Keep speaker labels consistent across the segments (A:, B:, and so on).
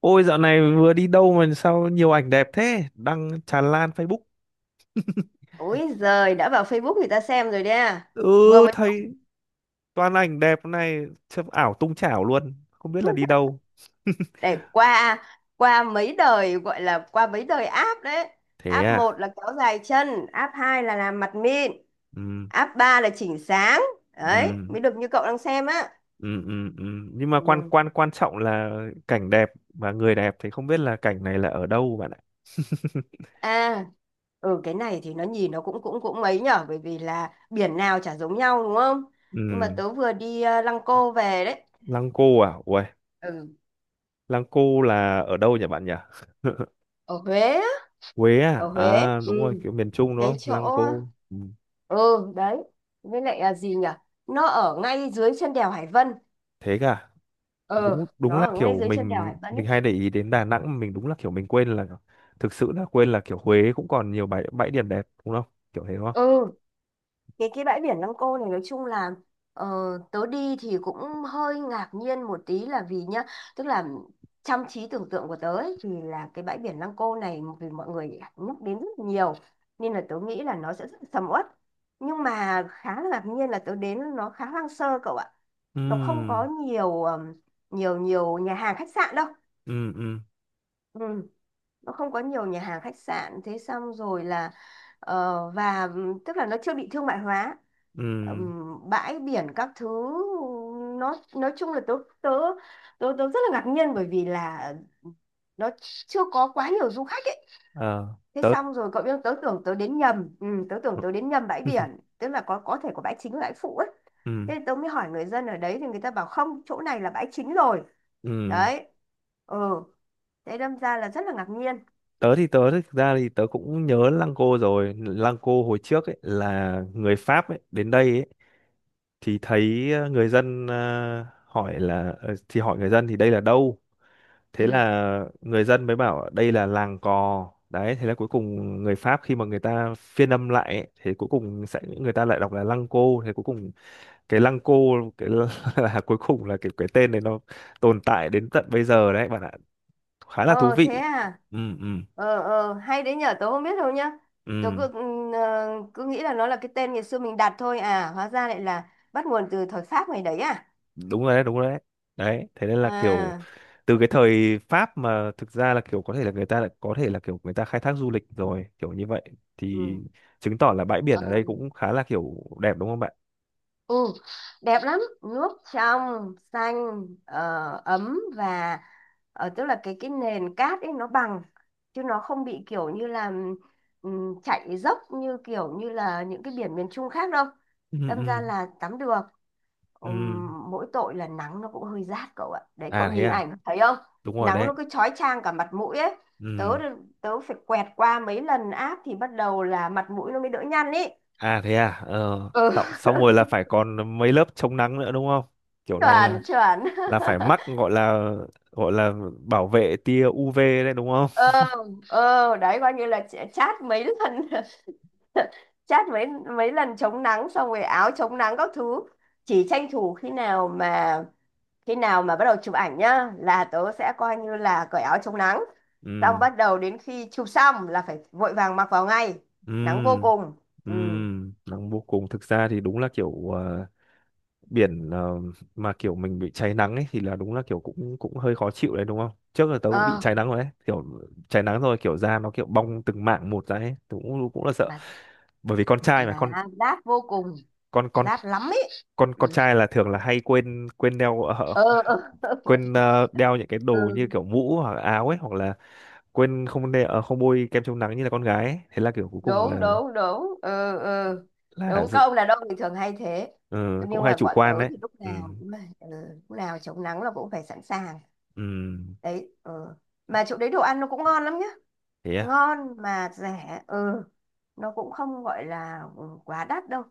A: Ôi dạo này vừa đi đâu mà sao nhiều ảnh đẹp thế? Đăng tràn lan Facebook.
B: Ôi giời, đã vào Facebook người ta xem rồi đấy à.
A: Ừ,
B: Vừa mới post
A: thấy toàn ảnh đẹp này, chụp ảo tung chảo luôn, không biết là đi đâu.
B: để qua qua mấy đời gọi là qua mấy đời app đấy.
A: Thế
B: App
A: à?
B: một là kéo dài chân, app 2 là làm mặt mịn,
A: Ừ,
B: app 3 là chỉnh sáng. Đấy,
A: ừ,
B: mới được như cậu đang xem á.
A: ừ, ừ, ừ. Nhưng mà quan
B: Ừ.
A: quan quan trọng là cảnh đẹp và người đẹp thì không biết là cảnh này là ở đâu bạn ạ.
B: À, ừ cái này thì nó nhìn nó cũng cũng cũng mấy nhở, bởi vì là biển nào chả giống nhau đúng không? Nhưng mà
A: Ừ,
B: tớ vừa đi Lăng Cô về đấy.
A: Lăng Cô à? Uầy,
B: Ừ,
A: Lăng Cô là ở đâu nhỉ bạn nhỉ?
B: ở Huế á,
A: Huế à?
B: ở Huế.
A: À
B: Ừ,
A: đúng rồi, kiểu miền Trung đúng
B: cái
A: không? Lăng
B: chỗ
A: Cô. Ừ,
B: ừ đấy, với lại là gì nhỉ, nó ở ngay dưới chân đèo Hải Vân.
A: thế cả.
B: ừ
A: Đúng, đúng
B: nó
A: là
B: ở ngay
A: kiểu
B: dưới chân đèo
A: mình
B: Hải Vân ấy.
A: mình hay để ý đến Đà Nẵng mà mình đúng là kiểu mình quên là, thực sự là quên là kiểu Huế cũng còn nhiều bãi bãi điểm đẹp đúng không, kiểu thế đúng không.
B: ừ cái bãi biển Lăng Cô này nói chung là ờ, tớ đi thì cũng hơi ngạc nhiên một tí, là vì nhá, tức là trong trí tưởng tượng của tớ ấy thì là cái bãi biển Lăng Cô này, vì mọi người nhắc đến rất nhiều nên là tớ nghĩ là nó sẽ rất sầm uất. Nhưng mà khá là ngạc nhiên là tớ đến nó khá hoang sơ, cậu ạ. Nó không có
A: Ừm,
B: nhiều nhiều nhiều nhà hàng khách sạn đâu.
A: ừm, ừm,
B: Ừ, nó không có nhiều nhà hàng khách sạn. Thế xong rồi là và tức là nó chưa bị thương mại hóa.
A: ừm.
B: Bãi biển các thứ, nó nói chung là tớ tớ tớ tớ rất là ngạc nhiên, bởi vì là nó chưa có quá nhiều du khách ấy.
A: Ờ,
B: Thế
A: tớ
B: xong rồi cậu biết không, tớ tưởng tớ đến nhầm bãi biển, tức là có thể có bãi chính và bãi phụ ấy.
A: ừm,
B: Thế tớ mới hỏi người dân ở đấy thì người ta bảo không, chỗ này là bãi chính rồi
A: ừm,
B: đấy. Ừ, thế đâm ra là rất là ngạc nhiên.
A: tớ thì tớ thực ra thì tớ cũng nhớ Lăng Cô rồi, Lăng Cô hồi trước ấy là người Pháp ấy đến đây ấy, thì thấy người dân hỏi là thì hỏi người dân thì đây là đâu, thế
B: Ừ.
A: là người dân mới bảo đây là làng cò đấy, thế là cuối cùng người Pháp khi mà người ta phiên âm lại ấy, thì cuối cùng sẽ người ta lại đọc là lăng cô, thế cuối cùng cái lăng cô, cái là cuối cùng là cái tên này nó tồn tại đến tận bây giờ đấy bạn ạ, khá là thú
B: Ờ thế
A: vị.
B: à?
A: Ừ, ừ,
B: Hay đấy nhở, tớ không biết đâu nhá. Tớ cứ
A: ừ,
B: ừm, ờ, cứ nghĩ là nó là cái tên ngày xưa mình đặt thôi à, hóa ra lại là bắt nguồn từ thời Pháp ngày đấy à?
A: đúng rồi đấy, đúng rồi đấy, đấy thế nên là kiểu
B: À
A: từ cái thời Pháp mà thực ra là kiểu có thể là người ta lại có thể là kiểu người ta khai thác du lịch rồi kiểu như vậy thì
B: ừ.
A: chứng tỏ là bãi biển
B: Ờ,
A: ở đây cũng khá là kiểu đẹp đúng không bạn.
B: ừ. Đẹp lắm, nước trong, xanh, ấm và tức là cái nền cát ấy nó bằng, chứ nó không bị kiểu như là chạy dốc như kiểu như là những cái biển miền Trung khác đâu.
A: Ừ,
B: Đâm ra
A: ừ,
B: là tắm được.
A: ừ,
B: Mỗi tội là nắng nó cũng hơi rát cậu ạ, đấy cậu
A: à thế
B: nhìn
A: à,
B: ảnh thấy không,
A: đúng rồi
B: nắng
A: đấy,
B: nó cứ chói chang cả mặt mũi ấy. tớ
A: ừ,
B: tớ phải quẹt qua mấy lần áp thì bắt đầu là mặt mũi nó mới đỡ nhăn ý.
A: à thế à, ờ,
B: Ừ,
A: xong, xong rồi là phải còn mấy lớp chống nắng nữa đúng không, kiểu này
B: chuẩn chuẩn.
A: là phải mắc, gọi là, gọi là bảo vệ tia UV đấy, đúng không.
B: ờ đấy, coi như là chát mấy lần. Chát mấy mấy lần chống nắng, xong rồi áo chống nắng các thứ. Chỉ tranh thủ khi nào mà bắt đầu chụp ảnh nhá là tớ sẽ coi như là cởi áo chống nắng, xong
A: Ừ,
B: bắt đầu đến khi chụp xong là phải vội vàng mặc vào ngay.
A: ừ,
B: Nắng vô cùng.
A: ừ,
B: Ừ.
A: nắng vô cùng, thực ra thì đúng là kiểu biển mà kiểu mình bị cháy nắng ấy thì là đúng là kiểu cũng cũng hơi khó chịu đấy đúng không, trước giờ tớ cũng bị
B: ờ
A: cháy nắng rồi đấy, kiểu cháy nắng rồi, kiểu da nó kiểu bong từng mảng một ra ấy, tớ cũng cũng là sợ,
B: mà
A: bởi vì con trai mà,
B: mà rát vô cùng,
A: con con
B: rát lắm ấy.
A: con con
B: Ừ.
A: trai là thường là hay quên quên đeo,
B: Ừ, ừ.
A: đeo những cái đồ như
B: Ừ,
A: kiểu mũ hoặc là áo ấy, hoặc là quên không đeo, không bôi kem chống nắng như là con gái ấy. Thế là kiểu cuối cùng
B: đúng
A: là
B: đúng đúng. Ừ, ừ,
A: là
B: đúng các
A: dự-
B: ông đàn ông thì thường hay thế.
A: ờ, cũng
B: Nhưng
A: hay
B: mà
A: chủ
B: bọn tớ
A: quan đấy.
B: thì lúc
A: Ừ,
B: nào cũng là, lúc nào chống nắng là cũng phải sẵn sàng
A: ừ,
B: đấy. Ừ. Mà chỗ đấy đồ ăn nó cũng ngon lắm nhá,
A: thế à,
B: ngon mà rẻ. Ừ, nó cũng không gọi là quá đắt đâu.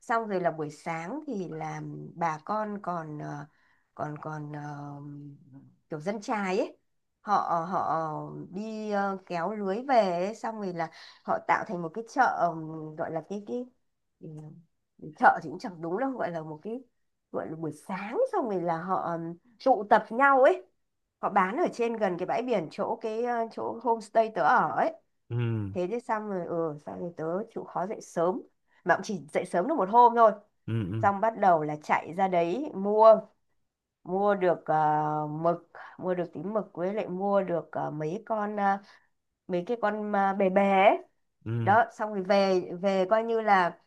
B: Xong rồi là buổi sáng thì là bà con còn ờ, còn còn ờ, kiểu dân chài ấy, họ họ đi kéo lưới về ấy. Xong rồi là họ tạo thành một cái chợ, gọi là ừ, chợ thì cũng chẳng đúng đâu, gọi là một cái, gọi là buổi sáng xong rồi là họ tụ tập nhau ấy, họ bán ở trên gần cái bãi biển, chỗ homestay tớ ở ấy.
A: ừ,
B: Thế chứ, xong rồi tớ chịu khó dậy sớm, mà cũng chỉ dậy sớm được một hôm thôi.
A: ừ, ừ,
B: Xong bắt đầu là chạy ra đấy mua mua được mực, mua được tí mực, với lại mua được mấy cái con bè bè ấy.
A: ừ,
B: Đó, xong rồi về về coi như là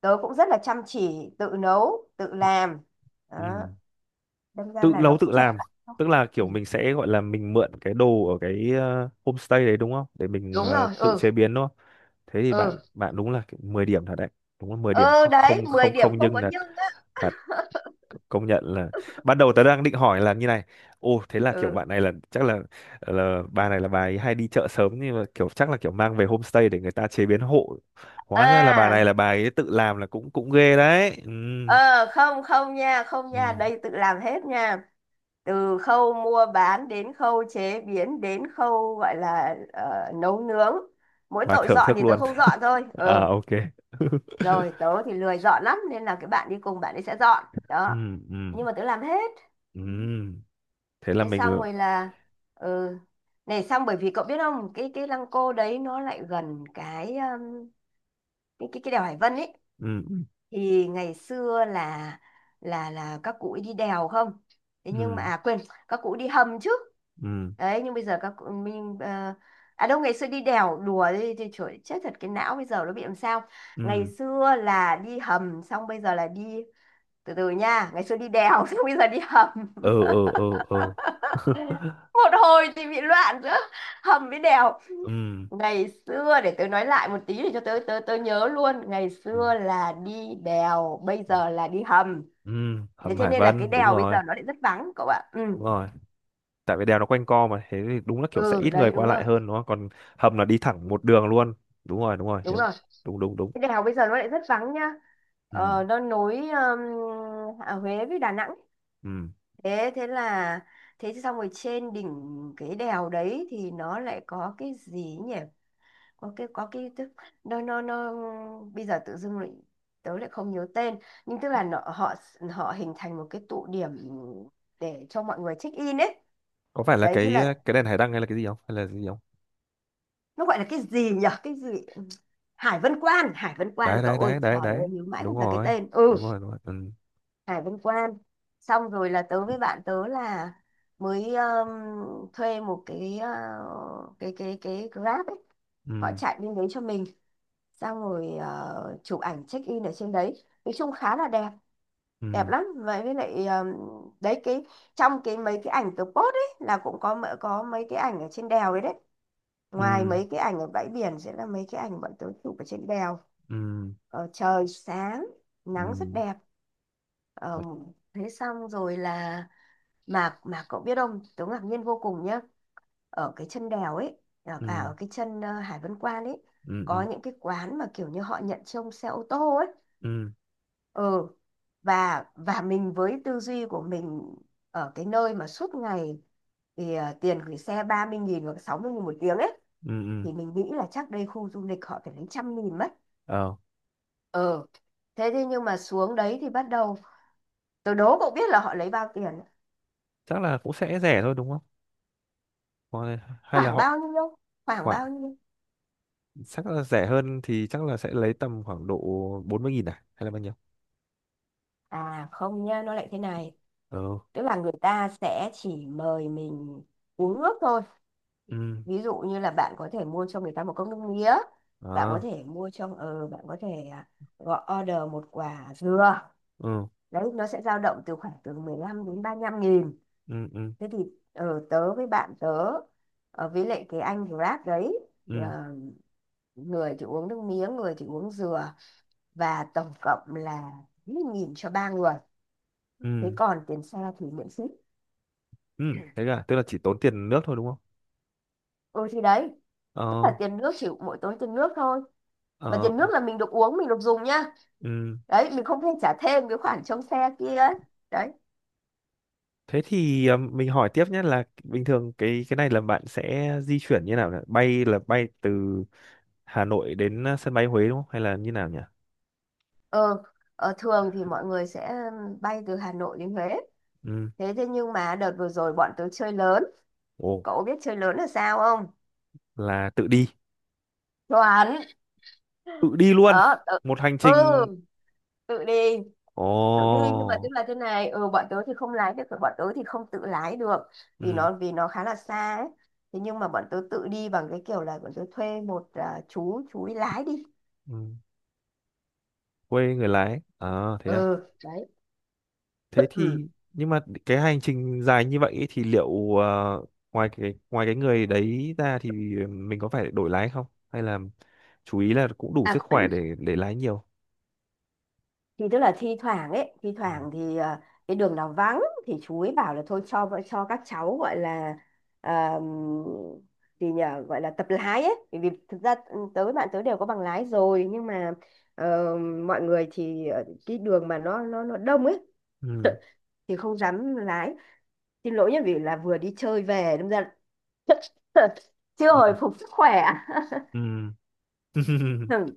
B: tớ cũng rất là chăm chỉ tự nấu tự
A: ừ,
B: làm.
A: ừ,
B: Đó, đâm ra
A: tự
B: là nó
A: nấu tự
B: cũng rẻ
A: làm,
B: lắm. Nó
A: tức
B: không-
A: là
B: Ừ.
A: kiểu mình sẽ gọi là mình mượn cái đồ ở cái homestay đấy đúng không, để mình
B: Đúng rồi.
A: tự chế
B: Ừ,
A: biến đúng không. Thế thì
B: ừ,
A: bạn bạn đúng là kiểu 10 điểm thật đấy, đúng là 10 điểm
B: ừ, đấy
A: không,
B: 10
A: không,
B: điểm
A: không
B: không
A: nhưng
B: có
A: thật,
B: nhưng á.
A: thật, công nhận là ban đầu tớ đang định hỏi là như này: ô thế là kiểu
B: Ừ,
A: bạn này là chắc là bà này là bà ấy hay đi chợ sớm, nhưng mà kiểu chắc là kiểu mang về homestay để người ta chế biến hộ, hóa ra là bà này
B: à.
A: là bà ấy tự làm, là cũng cũng ghê đấy. Ừ.
B: Ờ, không không nha, không nha,
A: Ừ,
B: đây tự làm hết nha. Từ khâu mua bán đến khâu chế biến đến khâu gọi là nấu nướng, mỗi
A: và
B: tội
A: thưởng
B: dọn
A: thức
B: thì tớ
A: luôn.
B: không dọn thôi.
A: À,
B: Ừ,
A: ok.
B: rồi tớ thì lười dọn lắm nên là cái bạn đi cùng bạn ấy sẽ dọn
A: Ừ,
B: đó,
A: ừ,
B: nhưng mà tớ làm hết. Ừ.
A: ừ, thế là
B: Thế
A: mình
B: xong
A: ừ,
B: rồi là, ừ, này xong bởi vì cậu biết không, cái lăng cô đấy nó lại gần cái đèo Hải Vân ý.
A: ừ,
B: Thì ngày xưa là các cụ ấy đi đèo không, thế nhưng mà
A: ừ,
B: à quên, các cụ đi hầm chứ.
A: ừ,
B: Đấy, nhưng bây giờ các cụ mình à đâu, ngày xưa đi đèo đùa đi thì trời chết thật, cái não bây giờ nó bị làm sao. Ngày
A: ừ,
B: xưa là đi hầm, xong bây giờ là đi, từ từ nha, ngày xưa đi đèo xong bây giờ đi hầm.
A: ừ, ừ, ừ, ừ.
B: Một hồi thì bị loạn giữa hầm với đèo.
A: Ừ,
B: Ngày xưa để tớ nói lại một tí để cho tớ tớ tớ nhớ luôn, ngày
A: ừ,
B: xưa là đi đèo, bây giờ là đi hầm.
A: ừ,
B: Thế
A: hầm
B: cho
A: Hải
B: nên là cái
A: Vân đúng
B: đèo bây giờ
A: rồi.
B: nó lại rất vắng cậu ạ. Ừ,
A: Đúng rồi, tại vì đèo nó quanh co mà, thế thì đúng là kiểu sẽ
B: ừ
A: ít
B: đấy
A: người
B: đúng
A: qua
B: rồi,
A: lại hơn đúng không, còn hầm là đi thẳng một đường luôn. Đúng rồi, đúng rồi,
B: đúng
A: đúng,
B: rồi.
A: đúng, đúng, đúng.
B: Cái đèo bây giờ nó lại rất vắng nhá.
A: Ừ,
B: Ờ, nó nối à, Huế với Đà Nẵng.
A: ừ,
B: Thế thế là thế xong rồi trên đỉnh cái đèo đấy thì nó lại có cái gì nhỉ? Có cái tức nó bây giờ tự dưng lại tớ lại không nhớ tên, nhưng tức là nó, họ họ hình thành một cái tụ điểm để cho mọi người check in ấy.
A: có phải là
B: Đấy, thế
A: cái
B: là
A: cái đèn hải đăng hay là cái gì không, hay là cái gì không.
B: nó gọi là cái gì nhỉ, cái gì, Hải Vân Quan, Hải Vân
A: Đấy,
B: Quan cậu
A: đấy,
B: ơi,
A: đấy, đấy,
B: trời ơi
A: đấy,
B: nhớ mãi
A: đúng
B: không là cái
A: rồi,
B: tên. Ừ,
A: đúng rồi, đúng rồi. Ừ,
B: Hải Vân Quan. Xong rồi là tớ với bạn tớ là mới thuê một cái cái Grab ấy, họ
A: ừ,
B: chạy lên đấy cho mình, xong rồi chụp ảnh check in ở trên đấy nói chung khá là đẹp. Đẹp
A: ừ,
B: lắm vậy, với lại đấy, cái, trong cái mấy cái ảnh tớ post ấy là cũng có có mấy cái ảnh ở trên đèo đấy đấy, ngoài
A: ừ,
B: mấy cái ảnh ở bãi biển sẽ là mấy cái ảnh bọn tớ chụp ở trên đèo.
A: ừ,
B: Trời sáng
A: ừ,
B: nắng rất đẹp.
A: ờ,
B: Ờ, thế xong rồi là, mà cậu biết không tớ ngạc nhiên vô cùng nhá, ở cái chân đèo ấy, à
A: ừ,
B: ở cái chân Hải Vân Quan ấy,
A: ừ,
B: có
A: ừ,
B: những cái quán mà kiểu như họ nhận trông xe ô tô ấy.
A: ừ,
B: Ừ, và mình với tư duy của mình ở cái nơi mà suốt ngày thì tiền gửi xe 30.000 hoặc 60.000 một tiếng ấy,
A: ừ, ừ.
B: thì mình nghĩ là chắc đây khu du lịch họ phải lấy 100.000 mất.
A: Ờ,
B: Ừ, thế thế nhưng mà xuống đấy thì bắt đầu, tôi đố cậu biết là họ lấy bao tiền,
A: chắc là cũng sẽ rẻ thôi đúng không. Còn- hay là
B: khoảng
A: họ
B: bao nhiêu khoảng
A: khoảng,
B: bao nhiêu
A: chắc là rẻ hơn thì chắc là sẽ lấy tầm khoảng độ 40 nghìn à, hay là bao nhiêu.
B: À không nhá, nó lại thế này.
A: Ờ,
B: Tức là người ta sẽ chỉ mời mình uống nước thôi.
A: ừ,
B: Ví dụ như là bạn có thể mua cho người ta một cốc nước mía. Bạn có
A: ờ,
B: thể mua cho, bạn có thể à, gọi order một quả dừa.
A: ừ,
B: Đấy, nó sẽ dao động từ khoảng từ 15 đến 35.000.
A: ừ, ừ,
B: Thế thì tớ với bạn tớ, với lại cái anh Grab đấy,
A: ừ,
B: người thì uống nước mía, người thì uống dừa. Và tổng cộng là 1 nghìn cho ba người. Thế
A: ừ,
B: còn tiền xe thì miễn phí.
A: ừ, thế cả, tức là chỉ tốn tiền nước thôi đúng không.
B: Ừ thì đấy, tức
A: Ờ,
B: là tiền nước, chỉ mỗi tốn tiền nước thôi, mà
A: ờ,
B: tiền
A: ờ.
B: nước là mình được uống mình được dùng nhá.
A: Ừ,
B: Đấy, mình không nên trả thêm cái khoản trông xe kia ấy. Đấy.
A: thế thì mình hỏi tiếp nhé là bình thường cái này là bạn sẽ di chuyển như nào nhỉ? Bay là bay từ Hà Nội đến sân bay Huế đúng không? Hay là như nào nhỉ?
B: Ờ, ờ thường thì mọi người sẽ bay từ Hà Nội đến Huế.
A: Ừ.
B: Thế thế nhưng mà đợt vừa rồi bọn tớ chơi lớn.
A: Ồ,
B: Cậu biết chơi lớn là sao không?
A: là tự đi.
B: Chuẩn.
A: Tự đi luôn.
B: Đó tự,
A: Một hành
B: ừ,
A: trình.
B: tự đi.
A: Ồ.
B: Tự đi nhưng mà tức là thế này, ừ, bọn tớ thì không lái được bọn tớ thì không tự lái được vì
A: Ừ,
B: nó vì nó khá là xa ấy. Thế nhưng mà bọn tớ tự đi bằng cái kiểu là bọn tớ thuê một chú ấy lái đi.
A: ừ. Quê người lái. Ờ, thế à.
B: Ừ, đấy.
A: Thế
B: Ừ.
A: thì nhưng mà cái hành trình dài như vậy ấy thì liệu ngoài cái ngoài người đấy ra thì mình có phải đổi lái không? Hay là chú ý là cũng đủ sức
B: À
A: khỏe để lái nhiều.
B: thì tức là thi thoảng ấy thi
A: Ừ.
B: thoảng thì cái đường nào vắng thì chú ấy bảo là thôi cho cho các cháu gọi là, ờm, gì nhờ gọi là tập lái ấy, bởi vì thực ra tới bạn tới đều có bằng lái rồi, nhưng mà ờ, mọi người thì cái đường mà nó đông ấy
A: Ừ.
B: thì không dám lái. Xin lỗi nhé, vì là vừa đi chơi về đâm ra chưa hồi phục sức khỏe.
A: Ừ. Ừ.
B: Ừ,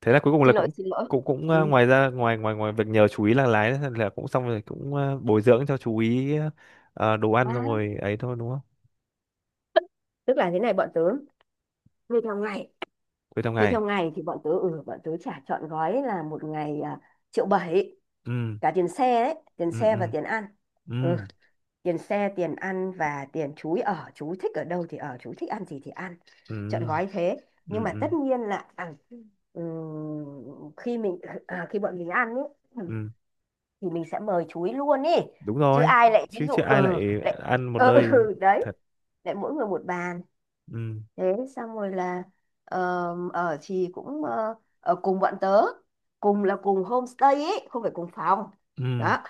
A: Thế là cuối cùng là
B: xin lỗi
A: cũng
B: xin lỗi.
A: cũng cũng ờ,
B: Ừ.
A: ngoài ra ngoài ngoài ngoài việc nhờ chú ý là lái là cũng xong rồi cũng bồi dưỡng cho chú ý đồ ăn
B: À,
A: xong rồi ấy thôi đúng không,
B: tức là thế này, bọn tớ như theo ngày.
A: cuối trong
B: Thế
A: ngày.
B: theo ngày thì bọn tớ, ừ, bọn tớ trả trọn gói là một ngày triệu bảy,
A: Ừ,
B: cả tiền xe đấy, tiền
A: ừ,
B: xe
A: ừ,
B: và tiền ăn.
A: ừ,
B: Ừ, tiền xe, tiền ăn và tiền chú ý ở, chú thích ở đâu thì ở, chú thích ăn gì thì ăn, trọn
A: ừ,
B: gói thế. Nhưng
A: ừ,
B: mà
A: ừ,
B: tất nhiên là khi bọn mình ăn ấy
A: ừ.
B: thì mình sẽ mời chú ý luôn ý.
A: Đúng
B: Chứ
A: rồi,
B: ai lại ví
A: chứ
B: dụ
A: chứ ai
B: ừ
A: lại
B: lại,
A: ăn một nơi,
B: đấy,
A: thật.
B: lại mỗi người một bàn.
A: Ừ,
B: Thế xong rồi là, ờ, ở thì cũng, ở cùng bọn tớ, cùng là cùng homestay ấy, không phải cùng phòng.
A: ừ,
B: Đó.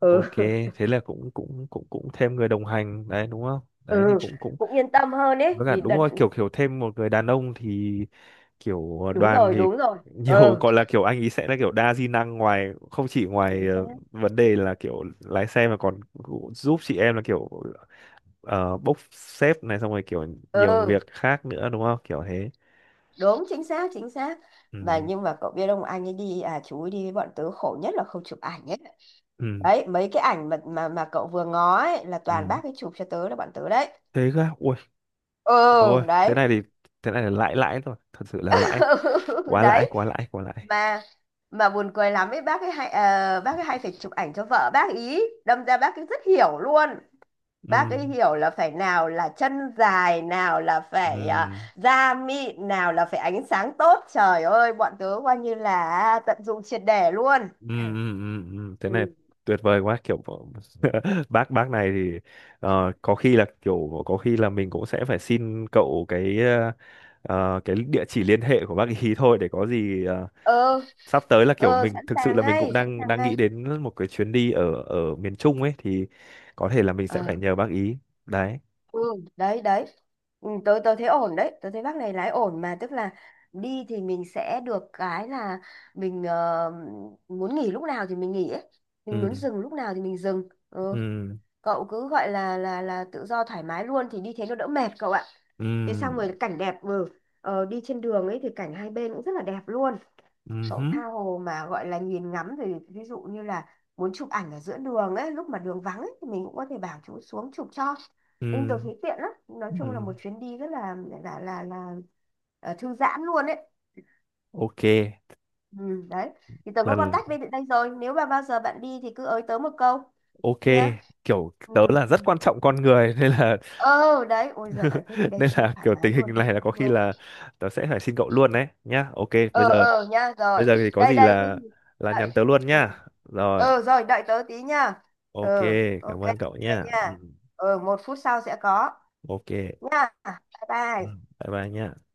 B: Ừ.
A: ok, thế là cũng cũng cũng cũng thêm người đồng hành đấy đúng không, đấy thì
B: Ừ,
A: cũng cũng
B: cũng yên tâm hơn ấy
A: với cả
B: vì
A: đúng
B: đợt
A: rồi, kiểu kiểu thêm một người đàn ông thì kiểu
B: đúng
A: đoàn
B: rồi
A: thì
B: đúng rồi.
A: nhiều,
B: Ừ
A: gọi là kiểu anh ý sẽ là kiểu đa di năng, ngoài không chỉ ngoài
B: chính xác.
A: vấn đề là kiểu lái xe mà còn giúp chị em là kiểu bốc xếp này xong rồi kiểu nhiều
B: Ừ
A: việc khác nữa đúng không, kiểu thế.
B: đúng chính xác chính xác. Mà
A: Ừ,
B: nhưng mà cậu biết ông anh ấy đi, à, chú ấy đi với bọn tớ khổ nhất là không chụp ảnh ấy.
A: ừ,
B: Đấy mấy cái ảnh mà cậu vừa ngó ấy là toàn
A: ừ,
B: bác ấy chụp cho tớ là bọn tớ đấy.
A: thế cơ à? Ui,
B: Ừ
A: ôi thế
B: đấy.
A: này thì thế này là lãi, lãi rồi, thật sự là lãi, quá lãi,
B: Đấy.
A: quá lãi, quá lãi.
B: Mà mà buồn cười lắm ấy, bác ấy hay, bác ấy hay phải chụp ảnh cho vợ bác ý đâm ra bác ấy rất hiểu luôn.
A: Ừ,
B: Bác ấy hiểu là phải nào là chân dài, nào là phải,
A: ừ,
B: da mịn, nào là phải ánh sáng tốt. Trời ơi, bọn tớ coi như là tận dụng triệt để luôn.
A: ừ, ừ, ừ, ừ, Thế này
B: Ừ.
A: tuyệt vời quá, kiểu bác này thì có khi là kiểu có khi là mình cũng sẽ phải xin cậu cái cái địa chỉ liên hệ của bác ý thôi để có gì
B: Ờ
A: sắp tới là kiểu
B: ờ,
A: mình
B: sẵn
A: thực sự
B: sàng
A: là mình cũng
B: ngay sẵn
A: đang
B: sàng
A: đang
B: ngay.
A: nghĩ đến một cái chuyến đi ở ở miền Trung ấy thì có thể là mình sẽ phải nhờ bác ý. Đấy.
B: Ừ đấy đấy. Ừ, tôi thấy ổn đấy, tôi thấy bác này lái ổn. Mà tức là đi thì mình sẽ được cái là mình, muốn nghỉ lúc nào thì mình nghỉ ấy, mình
A: Ừ,
B: muốn dừng lúc nào thì mình dừng. Ừ.
A: ừ,
B: Cậu cứ gọi là tự do thoải mái luôn, thì đi thế nó đỡ mệt cậu ạ. Thế xong
A: ừ,
B: rồi cảnh đẹp. Ừ. Ờ, đi trên đường ấy thì cảnh hai bên cũng rất là đẹp luôn.
A: ừ hứ,
B: Sổ tha hồ mà gọi là nhìn ngắm. Thì ví dụ như là muốn chụp ảnh ở giữa đường ấy, lúc mà đường vắng ấy, thì mình cũng có thể bảo chú xuống chụp cho. Nên tôi
A: ừ,
B: thấy tiện lắm. Nói chung là
A: ừ,
B: một chuyến đi rất là là là là thư giãn luôn ấy.
A: ok,
B: Ừ, đấy. Thì tớ có
A: lần,
B: contact bên đây rồi. Nếu mà bao giờ bạn đi thì cứ ới tớ một câu
A: Ok,
B: nhá.
A: kiểu
B: Ừ.
A: tớ là
B: Ừ.
A: rất quan trọng con người nên là
B: Ờ đấy. Ôi giời, thế thì đây
A: nên
B: tớ
A: là
B: thoải
A: kiểu
B: mái
A: tình hình
B: luôn, thoải
A: này là
B: mái
A: có khi
B: luôn.
A: là tớ sẽ phải xin cậu luôn đấy nhá. Ok, bây
B: Ờ
A: giờ,
B: ờ nha,
A: bây
B: rồi.
A: giờ thì có
B: Đây
A: gì
B: đây Thế thì
A: là
B: đợi,
A: nhắn tớ luôn
B: ừ.
A: nhá. Rồi,
B: Ờ rồi, đợi tớ tí nha.
A: ok,
B: Ờ, ok
A: cảm ơn cậu
B: ok
A: nhá.
B: nha.
A: Ừ,
B: Ờ, 1 phút sau sẽ có
A: ok.
B: nha. Bye
A: Ừ,
B: bye.
A: bye bye nhá.